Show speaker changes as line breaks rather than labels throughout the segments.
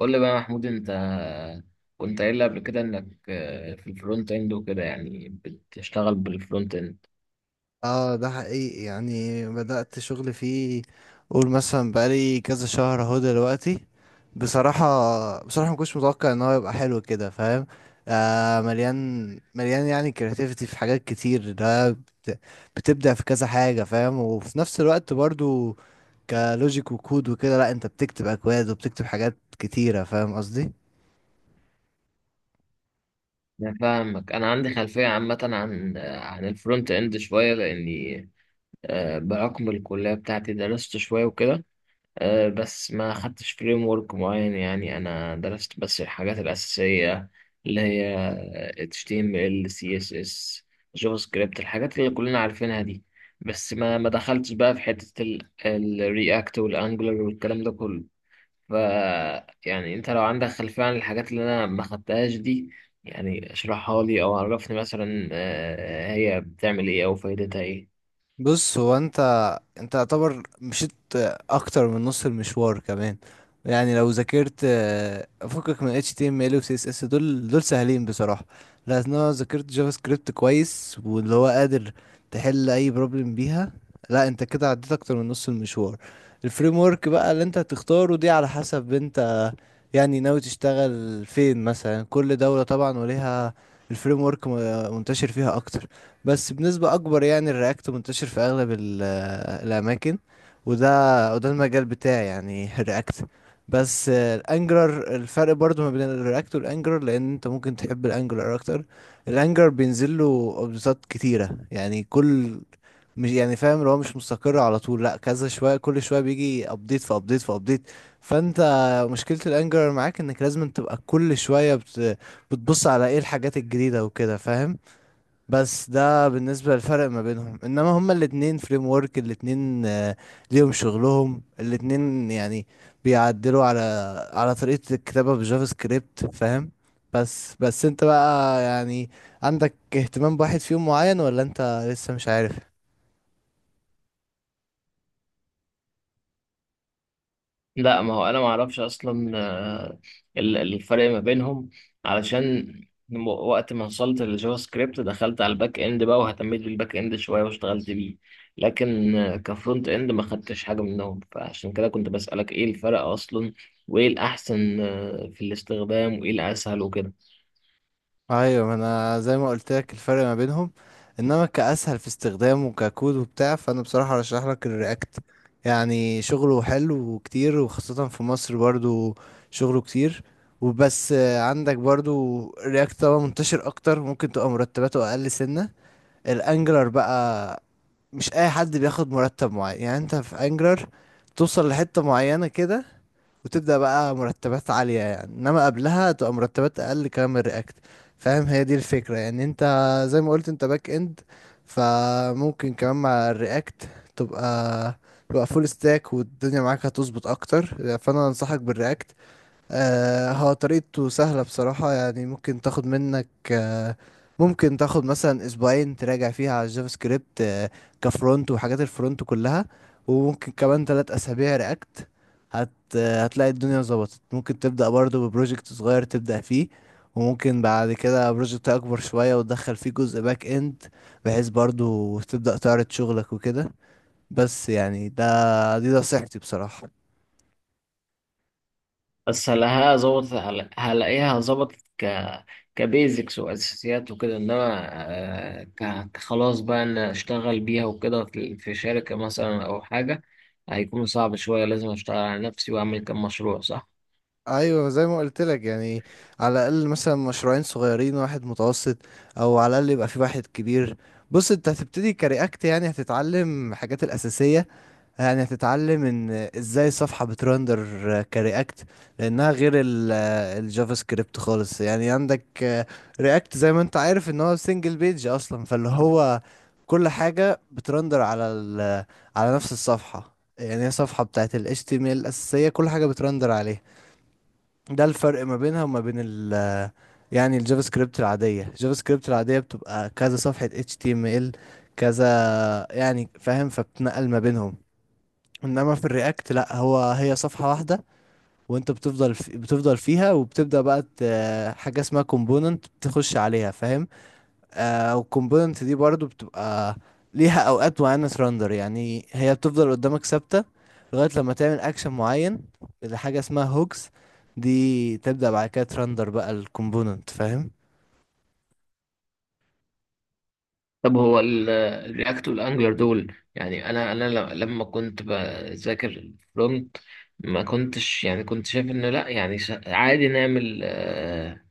قول لي بقى يا محمود، انت كنت قايل لي قبل كده انك في الفرونت اند وكده، يعني بتشتغل بالفرونت اند.
اه، ده حقيقي. يعني بدأت شغل فيه، قول مثلا بقالي كذا شهر اهو دلوقتي. بصراحة ما كنتش متوقع ان هو يبقى حلو كده، فاهم؟ مليان. مليان يعني كرياتيفيتي في حاجات كتير. بتبدع في كذا حاجة فاهم، وفي نفس الوقت برضو كلوجيك وكود وكده. لا انت بتكتب اكواد وبتكتب حاجات كتيرة، فاهم قصدي؟
انا فاهمك، انا عندي خلفية عامة عن الفرونت اند شوية لاني بحكم الكلية بتاعتي درست شوية وكده. بس ما خدتش فريم ورك معين، يعني انا درست بس الحاجات الاساسيه اللي هي HTML CSS جافا سكريبت، الحاجات اللي كلنا عارفينها دي. بس ما دخلتش بقى في حته الرياكت والانجلر والكلام ده كله. ف يعني انت لو عندك خلفيه عن الحاجات اللي انا ما خدتهاش دي، يعني اشرحها لي او عرفني مثلا هي بتعمل ايه او فايدتها ايه.
بص، هو انت يعتبر مشيت اكتر من نص المشوار كمان. يعني لو ذاكرت فكك من HTML و CSS، دول سهلين بصراحة، لأن انا ذاكرت جافا سكريبت كويس، واللي هو قادر تحل اي بروبلم بيها. لا انت كده عديت اكتر من نص المشوار. الفريم ورك بقى اللي انت هتختاره دي على حسب انت يعني ناوي تشتغل فين. مثلا كل دولة طبعا وليها الفريم ورك منتشر فيها اكتر، بس بنسبة أكبر يعني الرياكت منتشر في أغلب الأماكن. وده المجال بتاعي يعني الرياكت. بس الانجلر، الفرق برضو ما بين الرياكت والانجلر، لان انت ممكن تحب الانجلر اكتر. الانجلر بينزل له ابديتات كتيره يعني مش يعني فاهم اللي هو مش مستقر على طول، لا كذا شويه، كل شويه بيجي ابديت في ابديت في ابديت. فانت مشكله الانجلر معاك انك لازم تبقى كل شويه بتبص على ايه الحاجات الجديده وكده، فاهم؟ بس ده بالنسبة للفرق ما بينهم، انما هما الاتنين فريم ورك. الاتنين ليهم شغلهم الاتنين يعني، بيعدلوا على طريقة الكتابة بالجافا سكريبت، فاهم؟ بس انت بقى يعني عندك اهتمام بواحد فيهم معين، ولا انت لسه مش عارف؟
لا، ما هو انا ما اعرفش اصلا الفرق ما بينهم، علشان وقت ما وصلت للجافا سكريبت دخلت على الباك اند بقى، واهتميت بالباك اند شويه واشتغلت بيه. لكن كفرونت اند ما خدتش حاجه منهم، فعشان كده كنت بسألك ايه الفرق اصلا، وايه الاحسن في الاستخدام، وايه الاسهل وكده.
ايوه، ما انا زي ما قلت لك الفرق ما بينهم. انما كاسهل في استخدامه ككود وبتاع، فانا بصراحه ارشح لك الرياكت. يعني شغله حلو وكتير، وخاصه في مصر برضو شغله كتير. وبس عندك برضو الرياكت طبعا منتشر اكتر، ممكن تبقى مرتباته اقل سنه. الانجلر بقى مش اي حد بياخد مرتب معين، يعني انت في انجلر توصل لحته معينه كده وتبدأ بقى مرتبات عالية، يعني انما قبلها تبقى مرتبات اقل كلام من رياكت. فاهم؟ هي دي الفكرة. يعني انت زي ما قلت انت باك اند، فممكن كمان مع الرياكت تبقى تبقى فول ستاك، والدنيا معاك هتظبط اكتر. فانا انصحك بالرياكت. هو طريقته سهلة بصراحة، يعني ممكن تاخد مثلا اسبوعين تراجع فيها على الجافا سكريبت كفرونت وحاجات الفرونت كلها، وممكن كمان تلات اسابيع رياكت. هت آه، هتلاقي الدنيا ظبطت. ممكن تبدأ برضو ببروجكت صغير تبدأ فيه، وممكن بعد كده بروجكت اكبر شوية وتدخل فيه جزء باك اند، بحيث برضو تبدأ تعرض شغلك وكده. بس يعني دي نصيحتي بصراحة.
بس هلاقيها ظبطت، هلاقيها ظبطت كبيزكس واساسيات وكده، انما كخلاص بقى ان اشتغل بيها وكده في شركة مثلا او حاجة، هيكون صعب شوية. لازم اشتغل على نفسي واعمل كام مشروع، صح؟
ايوه زي ما قلت لك يعني على الاقل مثلا مشروعين صغيرين واحد متوسط، او على الاقل يبقى في واحد كبير. بص انت هتبتدي كرياكت، يعني هتتعلم الحاجات الاساسيه. يعني هتتعلم ان ازاي صفحه بترندر كرياكت، لانها غير الجافا سكريبت خالص. يعني عندك رياكت زي ما انت عارف ان هو سنجل بيج اصلا، فاللي هو كل حاجه بترندر على على نفس الصفحه. يعني هي صفحه بتاعت ال HTML الاساسيه، كل حاجه بترندر عليها. ده الفرق ما بينها وما بين يعني الجافا سكريبت العادية. بتبقى كذا صفحة HTML كذا، يعني فاهم، فبتنقل ما بينهم. انما في الرياكت لا، هي صفحة واحدة وانت بتفضل في بتفضل فيها، وبتبدأ بقى حاجة اسمها كومبوننت بتخش عليها، فاهم؟ والكومبوننت دي برضو بتبقى ليها اوقات معينة رندر، يعني هي بتفضل قدامك ثابتة لغاية لما تعمل اكشن معين لحاجة اسمها هوكس، دي تبدأ بعد كده ترندر بقى الكومبوننت، فاهم؟
طب هو الرياكت والانجلر دول، يعني انا لما كنت بذاكر فرونت، ما كنتش يعني، كنت شايف ان لا، يعني عادي نعمل آه،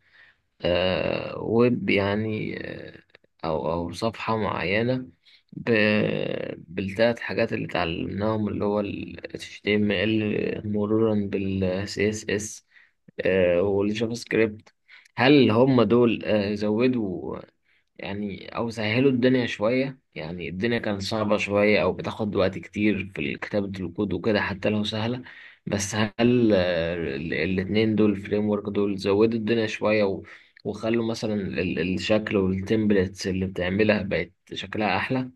آه، ويب يعني، أو صفحة معينة بالتلات حاجات اللي اتعلمناهم، اللي هو ال HTML مرورا بال CSS والجافا سكريبت. هل هم دول زودوا، يعني او سهلوا الدنيا شوية؟ يعني الدنيا كانت صعبة شوية او بتاخد وقت كتير في كتابة الكود وكده حتى لو سهلة. بس هل الاتنين دول، الفريم ورك دول، زودوا الدنيا شوية، وخلوا مثلا الشكل والتمبلتس اللي بتعملها بقت شكلها احلى؟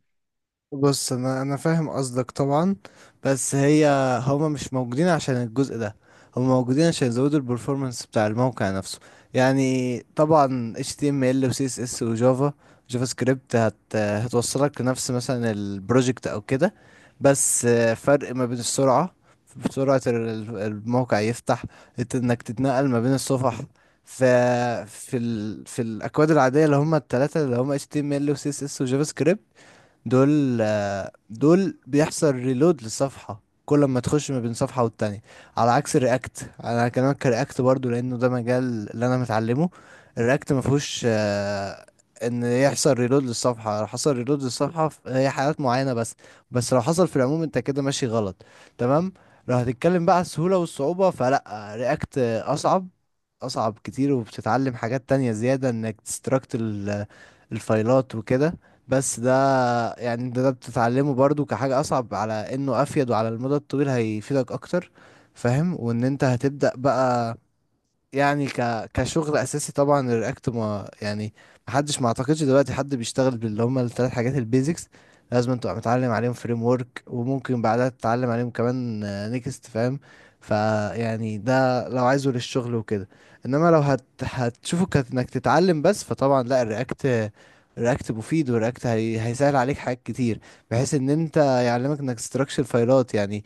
بص انا فاهم قصدك طبعا، بس هما مش موجودين عشان الجزء ده، هما موجودين عشان يزودوا البرفورمانس بتاع الموقع نفسه. يعني طبعا HTML و CSS و جافا سكريبت هتوصلك لنفس مثلا البروجكت او كده، بس فرق ما بين السرعة، سرعة الموقع يفتح، انك تتنقل ما بين الصفح. ف في الاكواد العاديه اللي هم الثلاثه اللي هم HTML و CSS و جافا سكريبت، دول بيحصل ريلود للصفحة كل ما تخش ما بين صفحة والتانية. على عكس الرياكت، انا هكلمك كرياكت برضو لانه ده مجال اللي انا متعلمه، الرياكت ما فيهوش ان يحصل ريلود للصفحة. لو حصل ريلود للصفحة هي حالات معينة بس، بس لو حصل في العموم انت كده ماشي غلط. تمام؟ لو هتتكلم بقى على السهولة والصعوبة، فلا، رياكت اصعب اصعب كتير، وبتتعلم حاجات تانية زيادة انك تستراكت الفايلات وكده. بس ده يعني ده بتتعلمه برضو كحاجة أصعب على إنه أفيد، وعلى المدى الطويل هيفيدك أكتر، فاهم. وإن أنت هتبدأ بقى يعني كشغل اساسي، طبعا الرياكت. ما يعني محدش، ما اعتقدش دلوقتي حد بيشتغل باللي هم الثلاث حاجات البيزكس، لازم تبقى متعلم عليهم فريم ورك، وممكن بعدها تتعلم عليهم كمان نيكست، فاهم؟ فيعني ده لو عايزه للشغل وكده. انما لو هتشوفه كانك تتعلم بس، فطبعا لا، الرياكت. الرياكت مفيد، والرياكت هيسهل عليك حاجات كتير بحيث ان انت يعلمك انك تستراكشر فايلات. يعني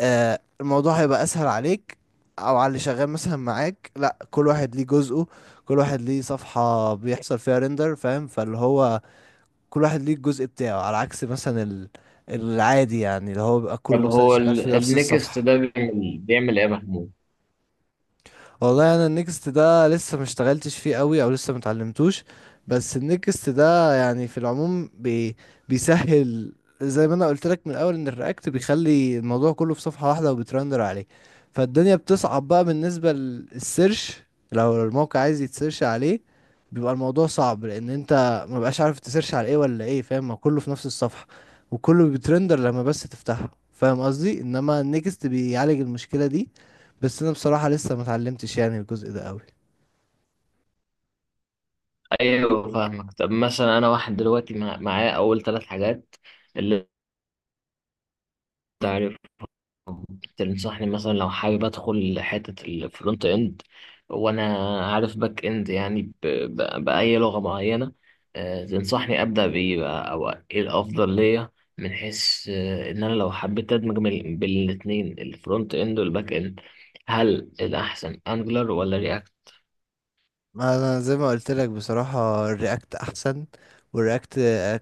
الموضوع هيبقى اسهل عليك او على اللي شغال مثلا معاك. لا، كل واحد ليه جزءه، كل واحد ليه صفحة بيحصل فيها ريندر، فاهم؟ فاللي هو كل واحد ليه الجزء بتاعه، على عكس مثلا العادي يعني اللي هو بيبقى كله
طب
مثلا
هو
شغال في نفس
النكست
الصفحة.
ده بيعمل ايه يا محمود؟
والله انا النكست ده لسه ما اشتغلتش فيه قوي، او لسه ما اتعلمتوش. بس النكست ده يعني في العموم بيسهل. زي ما انا قلت لك من الاول ان الرياكت بيخلي الموضوع كله في صفحة واحدة وبترندر عليه، فالدنيا بتصعب بقى بالنسبة للسيرش. لو الموقع عايز يتسيرش عليه، بيبقى الموضوع صعب لان انت ما بقاش عارف تسيرش على ايه ولا ايه، فاهم؟ ما كله في نفس الصفحة وكله بيترندر لما بس تفتحه، فاهم قصدي؟ انما النكست بيعالج المشكلة دي، بس انا بصراحة لسه ما اتعلمتش يعني الجزء ده قوي.
ايوه فاهمك. طب مثلا، انا واحد دلوقتي معايا اول ثلاث حاجات، اللي انت تنصحني مثلا لو حابب ادخل حتة الفرونت اند، وانا عارف باك اند يعني بأي لغة معينة، تنصحني ابدأ بايه بقى، او ايه الافضل ليا، من حيث ان انا لو حبيت ادمج بين الاتنين، الفرونت اند والباك اند؟ هل الاحسن انجلر ولا رياكت؟
انا زي ما قلت لك بصراحة الرياكت احسن. والرياكت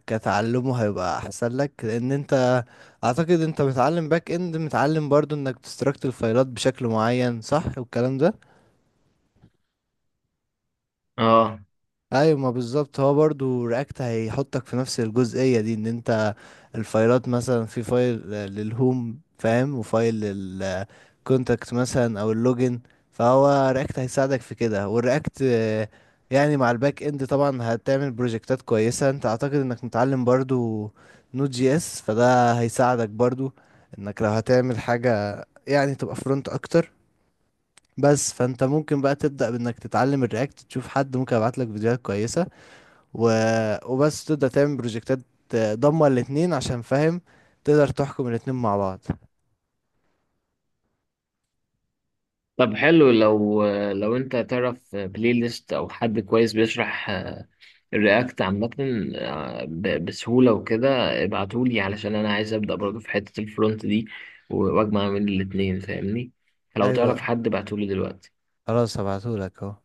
كتعلمه هيبقى احسن لك، لان انت اعتقد انت متعلم باك اند، متعلم برضو انك تستركت الفايلات بشكل معين، صح؟ والكلام ده
اه.
ايوه، ما بالظبط هو برضو رياكت هيحطك في نفس الجزئية دي، ان انت الفايلات مثلا في فايل للهوم، فاهم، وفايل كونتاكت مثلا او اللوجن. فهو رياكت هيساعدك في كده. والرياكت يعني مع الباك اند طبعا هتعمل بروجكتات كويسة. انت اعتقد انك متعلم برضو Node.js، فده هيساعدك برضو انك لو هتعمل حاجة يعني تبقى فرونت اكتر بس. فانت ممكن بقى تبدأ بانك تتعلم الرياكت، تشوف حد ممكن ابعت لك فيديوهات كويسة و... وبس تبدأ تعمل بروجكتات ضمه الاتنين عشان فاهم تقدر تحكم الاتنين مع بعض.
طب حلو، لو انت تعرف بلاي ليست او حد كويس بيشرح الرياكت عامة بسهولة وكده، ابعتولي. علشان أنا عايز أبدأ برضه في حتة الفرونت دي، وأجمع من الاتنين، فاهمني. فلو تعرف
ايوه
حد، ابعتولي دلوقتي.
خلاص، هبعتهولك اهو.